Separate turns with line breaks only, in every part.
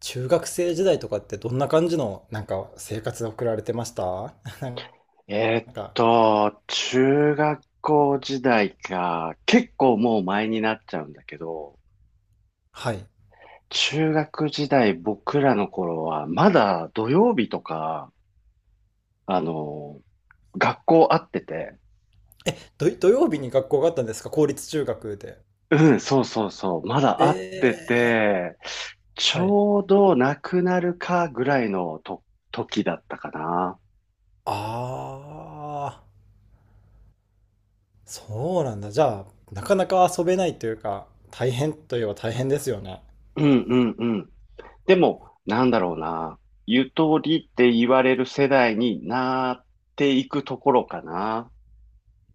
中学生時代とかってどんな感じのなんか生活を送られてました？ なんか、
中学校時代か、結構もう前になっちゃうんだけど、
はい。
中学時代僕らの頃は、まだ土曜日とか、あの、学校会ってて、
土曜日に学校があったんですか、公立中学で。
うん、そうそうそう、まだ会って
ええ、
て、ち
はい。
ょうどなくなるかぐらいのと時だったかな。
ああ、そうなんだ。じゃあ、なかなか遊べないというか、大変といえば大変ですよね。
うんうん。でも、なんだろうな。ゆとりって言われる世代になっていくところかな。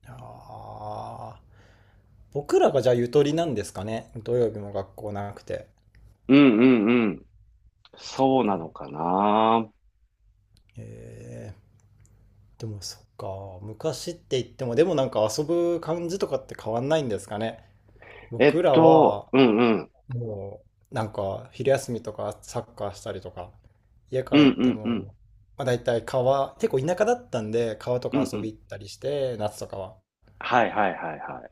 ああ、僕らがじゃあゆとりなんですかね。土曜日も学校なくて。
うんうんうん。そうな
か。
のかな。
ええ、でもそっか、昔って言っても、でもなんか遊ぶ感じとかって変わんないんですかね。僕らは
うんうん。
もうなんか昼休みとかサッカーしたりとか、家帰
うん
っ
う
て
んうん。
も、まあ、大体川、結構田舎だったんで川と
う
か
んう
遊
ん。
び行ったりして、夏とかは。
はいはいはいはい。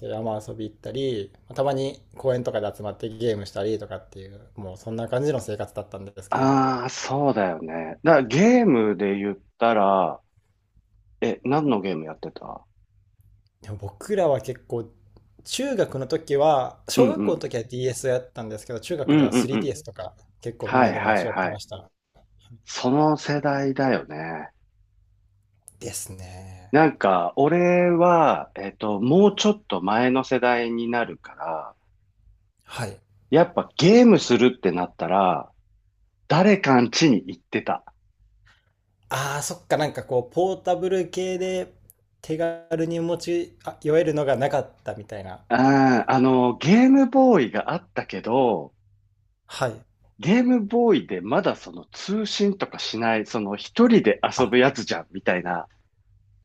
で山遊び行ったり、まあたまに公園とかで集まってゲームしたりとかっていう、もうそんな感じの生活だったんですけど、
ああ、そうだよね。だからゲームで言ったら、何のゲームやってた？
でも僕らは結構中学の時は、
う
小
んう
学校の
ん。
時は DS をやったんですけど、中
う
学で
ん
は
うんうん。
3DS とか結構みん
は
な
い
で持
は
ち
い
寄って
は
ま
い。
した。
その世代だよね。
ですね。
なんか、俺は、もうちょっと前の世代になるから、
はい。
やっぱゲームするってなったら、誰かん家に行ってた。
あー、そっか、なんかこうポータブル系で手軽に持ちあ寄えるのがなかったみたいな。
あゲームボーイがあったけど、
はい。
ゲームボーイでまだその通信とかしない、その一人で遊
あ、
ぶやつじゃん、みたいな。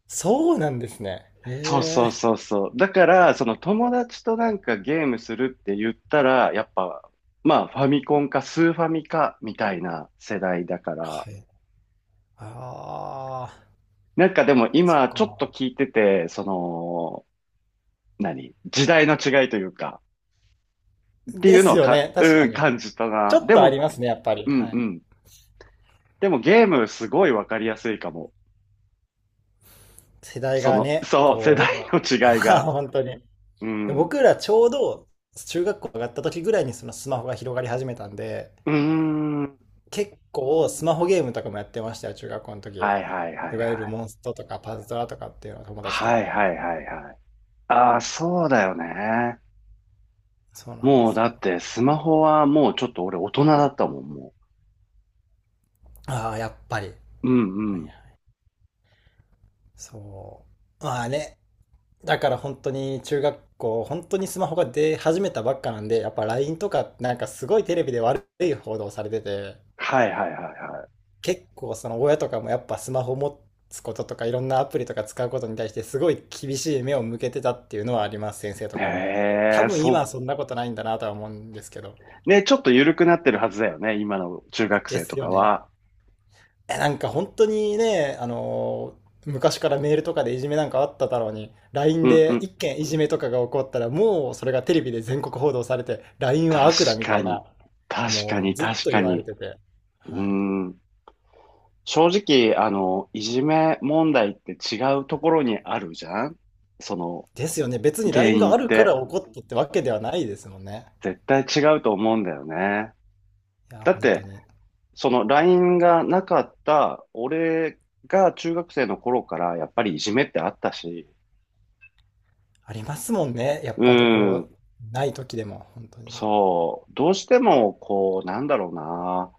そうなんですね。
そうそ
え
う
え。
そうそう。だから、その友達となんかゲームするって言ったら、やっぱ、まあ、ファミコンかスーファミか、みたいな世代だから、
はい。あ
なんかで
ー、
も
そっ
今ちょっ
か。
と聞いてて、その、何時代の違いというか、って
で
いうの
す
は
よ
か、
ね、確
う
か
ん、
に。
感じた
ちょ
な。
っ
で
とあり
も、
ますね、やっぱり。
うん
は
う
い。
ん。でもゲームすごいわかりやすいかも。
世代
そ
が
の、
ね、
そう、世代
こ
の
う、
違い
まあ
が。
本当に。
う
で
ん。う
僕らちょうど中学校上がった時ぐらいにそのスマホが広がり始めたんで、
ーん。
結構スマホゲームとかもやってましたよ、中学校の時。
はいはいは
い
い
わゆ
は
る
い。
モンストとかパズドラとかっていうのは友達
は
と。
いはいはいはい。ああ、そうだよね。
そうなんで
もう
す
だ
よ。
ってスマホはもうちょっと俺大人だったもん、も
ああ、やっぱり。
う。うん
はいは
う
い。
ん。
そう。まあね。だから本当に中学校、本当にスマホが出始めたばっかなんで、やっぱ LINE とかなんかすごいテレビで悪い報道されてて、
はいはいはいは
結構その親とかもやっぱスマホ持つこととかいろんなアプリとか使うことに対してすごい厳しい目を向けてたっていうのはあります、先生と
い。
かも。
へ
多
え、
分今はそんなことないんだなとは思うんですけど。
ね、ちょっと緩くなってるはずだよね、今の中学
で
生と
すよ
か
ね。
は。
え、なんか本当にね、昔からメールとかでいじめなんかあっただろうに、LINE
うんう
で
ん。
一件いじめとかが起こったら、もうそれがテレビで全国報道されて、LINE は
確
悪だみた
か
い
に。
な、
確か
もう
に、
ずっ
確
と
か
言われ
に。
てて。
うー
はい。
ん。正直、いじめ問題って違うところにあるじゃんその
ですよね。別に
原
LINE が
因っ
あるから
て。
起こったってわけではないですもんね。
絶対違うと思うんだよね。
いや、
だっ
本当
て、
に。
その LINE がなかった、俺が中学生の頃からやっぱりいじめってあったし、
ありますもんね。やっ
う
ぱど
ん、
こ、ない時でも、本当に。
そう、どうしてもこう、なんだろうな。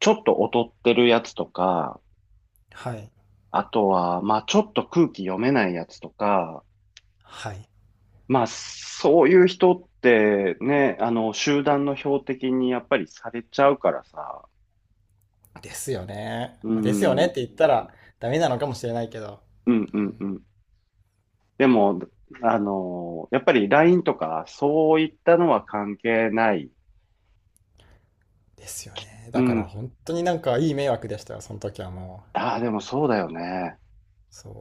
ちょっと劣ってるやつとか、
はい。
あとは、まあちょっと空気読めないやつとか、
はい。
まあそういう人ってね、集団の標的にやっぱりされちゃうからさ、
ですよね。
う
まあ、ですよ
ん、
ねっ
う
て
ん
言ったらダメなのかもしれないけど。
うんうん。でも、やっぱり LINE とかそういったのは関係ない。
ですよね。
う
だから
ん。
本当になんかいい迷惑でしたよ、その時はもう。
ああ、でもそうだよね。
そ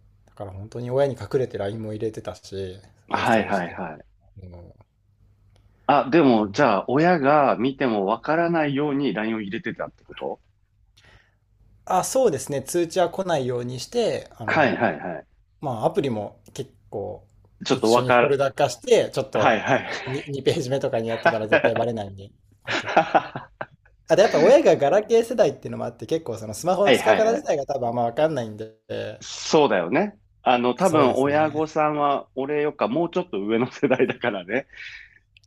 う。だから本当に親に隠れて LINE も入れてたし、インス
は
ト
い
ールし
はい
て。
はい。
もう、
あ、でもじゃあ親が見てもわからないように LINE を入れてたってこと？
あ、そうですね。通知は来ないようにして、あ
はい
の、
はいはい。
まあ、アプリも結構
ちょっ
一
と
緒にフォルダ化して、ちょっ
はい
と
はい。
2, ページ目とかにやってたら絶対バレないんで、本当に。
は
あとやっぱ親がガラケー世代っていうのもあって、結構そのス
い
マホの
はい
使い方
は
自
い。
体が多分あんまわかんないんで、
そうだよね。多
そう
分
ですね。
親御さんは俺よっかもうちょっと上の世代だからね。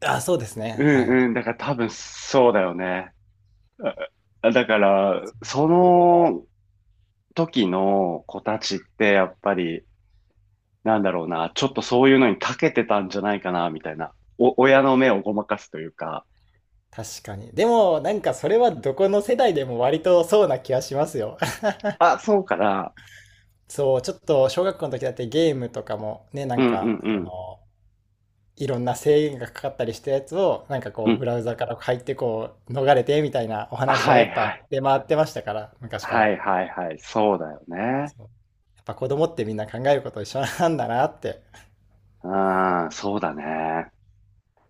あ、そうです
う
ね。はい。
んうん。だから多分そうだよね。だから、その時の子たちってやっぱり、なんだろうな、ちょっとそういうのに長けてたんじゃないかな、みたいな。親の目をごまかすというか、
確かに。でも、なんかそれはどこの世代でも割とそうな気はしますよ。
あ、そうかな。
そう、ちょっと小学校の時だってゲームとかもね、な
う
ん
んうん
か、
う
こ
ん。
のいろんな制限がかかったりしたやつを、なんかこ
う
う
ん。
ブラウザから入ってこう逃れてみたいなお話は
は
や
い
っ
は
ぱ
い。
出回ってましたから、昔か
は
ら。
いはいはい。そうだよね。
そう。やっぱ子供ってみんな考えること一緒なんだなって、
ああ、そうだね。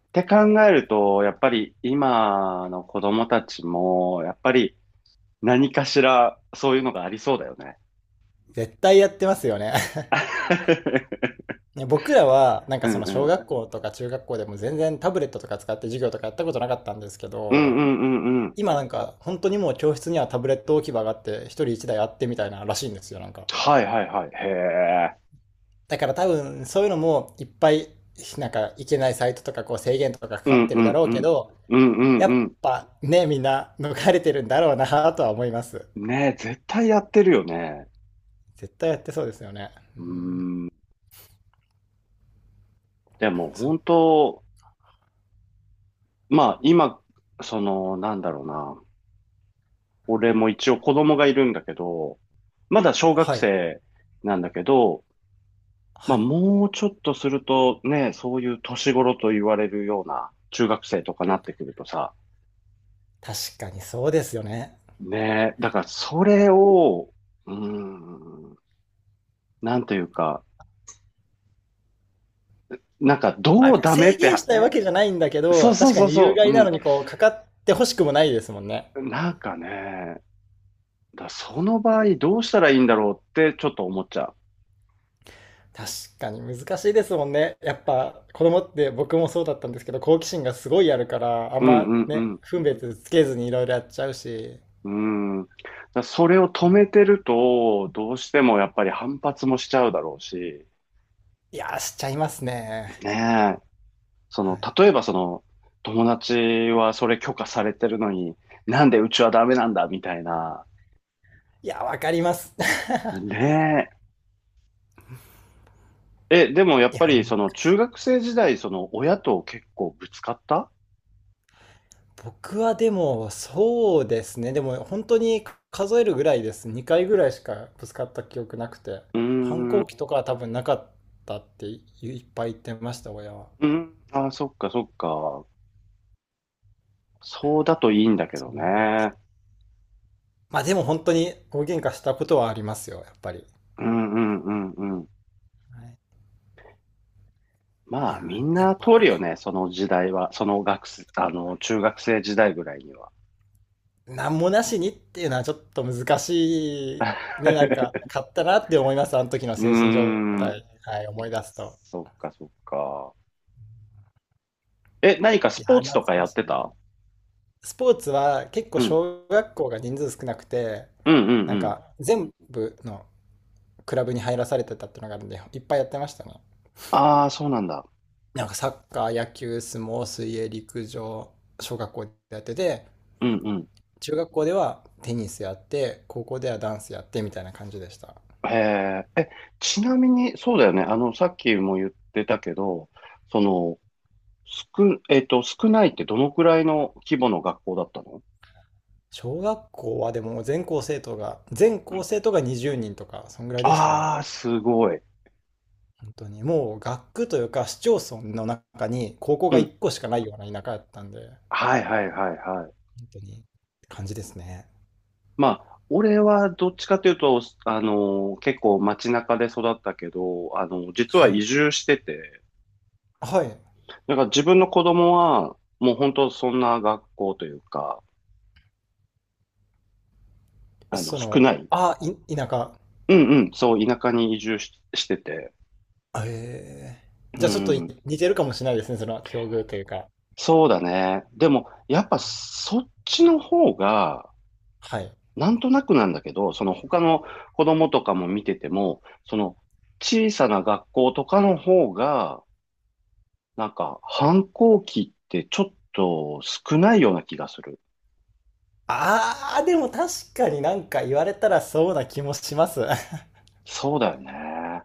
って考えると、やっぱり今の子供たちも、やっぱり何かしらそういうのがありそうだよね。
絶対やってますよね。ね、僕らはなんか
う
そ
ん
の
う
小
ん。
学校とか中学校でも全然タブレットとか使って授業とかやったことなかったんですけ
うんう
ど、
んうんうん。
今なんか本当にもう教室にはタブレット置き場があって一人一台あってみたいならしいんですよ、なんか。
はいはいはい。へえ。
だから多分そういうのもいっぱいなんかいけないサイトとかこう制限とかか
う
か
ん
って
う
るだ
ん
ろう
う
け
ん。
ど、
うん
や
う
っ
ん
ぱね、みんな逃れてるんだろうなとは思います。
うん。ねえ、絶対やってるよね。
絶対やってそうですよね。う
う
ん、
ーん。でも
そ、
本当、まあ今、その、なんだろうな。俺も一応子供がいるんだけど、まだ小学
はい、
生なんだけど、まあ、
はい。
もうちょっとするとね、そういう年頃と言われるような中学生とかなってくるとさ、
確かにそうですよね。
ねえ、だからそれを、うーん、なんというか、なんかど
あ、
うダメ
制
って、
限したいわけじゃないんだけ
そ
ど、
うそう
確か
そう
に有
そう、
害
う
なの
ん、
にこうかかってほしくもないですもんね。
なんかね、その場合どうしたらいいんだろうってちょっと思っちゃう。
確かに難しいですもんね。やっぱ子供って僕もそうだったんですけど、好奇心がすごいあるから、あん
う
ま
んう
ね、
んう
分別つけずにいろいろやっちゃうし、
ん。うん。それを
う
止
ん、
めてると、どうしてもやっぱり反発もしちゃうだろうし、
いやー、しちゃいますね。
ねそ
は
の、
い。
例えばその、友達はそれ許可されてるのに、なんでうちはダメなんだ、みたいな。
いやー、わかります。
ねえ。でもやっ
いや、
ぱり
難
その、
し
中
い。
学生時代、その、親と結構ぶつかった？
僕はでも、そうですね。でも本当に数えるぐらいです。2回ぐらいしかぶつかった記憶なくて、
うー
反
ん、う
抗期とかは多分なかったっていいっぱい言ってました、親は。
ん、あー、そっかそっか。そうだといいんだけ
そ
ど
う、
ね。
まあでも本当に大喧嘩したことはありますよ、やっぱり。
うんうんうんうん。
はい。い
ま
や
あ、みん
ー、や
な
っぱ
通るよ
ね、
ね、その時代は。その学生、中学生時代ぐらいには。
なんもなしにっていうのはちょっと難しい、ね、なんか、買ったなって思います、あの時の
うー
精神状
ん、
態、はい、思い出すと。
そっかそっか。何か
い
ス
や
ポー
ー、
ツ
懐
とかや
か
っ
し
て
いな。
た？
スポーツは結構
うん。
小学校が人数少なくて、
うんうん
な
う
ん
ん。
か全部のクラブに入らされてたっていうのがあるんで、いっぱいやってましたね。
ああ、そうなんだ。
なんかサッカー、野球、相撲、水泳、陸上、小学校でやってて、
うんう
中学校ではテニスやって高校ではダンスやってみたいな感じでした。
ん。へえ。ちなみに、そうだよね。さっきも言ってたけど、その、少、少ないってどのくらいの規模の学校だったの？
小学校はでも全校生徒が20人とかそんぐらいでしたね。
ああー、すごい。
本当にもう学区というか市町村の中に高校
う
が
ん。
1個しかないような田舎やったんで、本
はいはいはいはい。
当に感じですね。
まあ、俺はどっちかというと、結構街中で育ったけど、実は
はい。
移住してて、
はい。
だから自分の子供は、もう本当そんな学校というか、
そ
少な
の
い。
あい田舎。
うんうん、そう、田舎に移住し、してて。
えー、
う
じゃあちょっとい
ん、
似てるかもしれないですね、その境遇というか。
そうだね。でも、やっぱそっちの方が、
はい。
なんとなくなんだけど、その他の子供とかも見てても、その小さな学校とかの方が、なんか反抗期ってちょっと少ないような気がする。
あー、でも確かになんか言われたらそうな気もします。
そうだよね。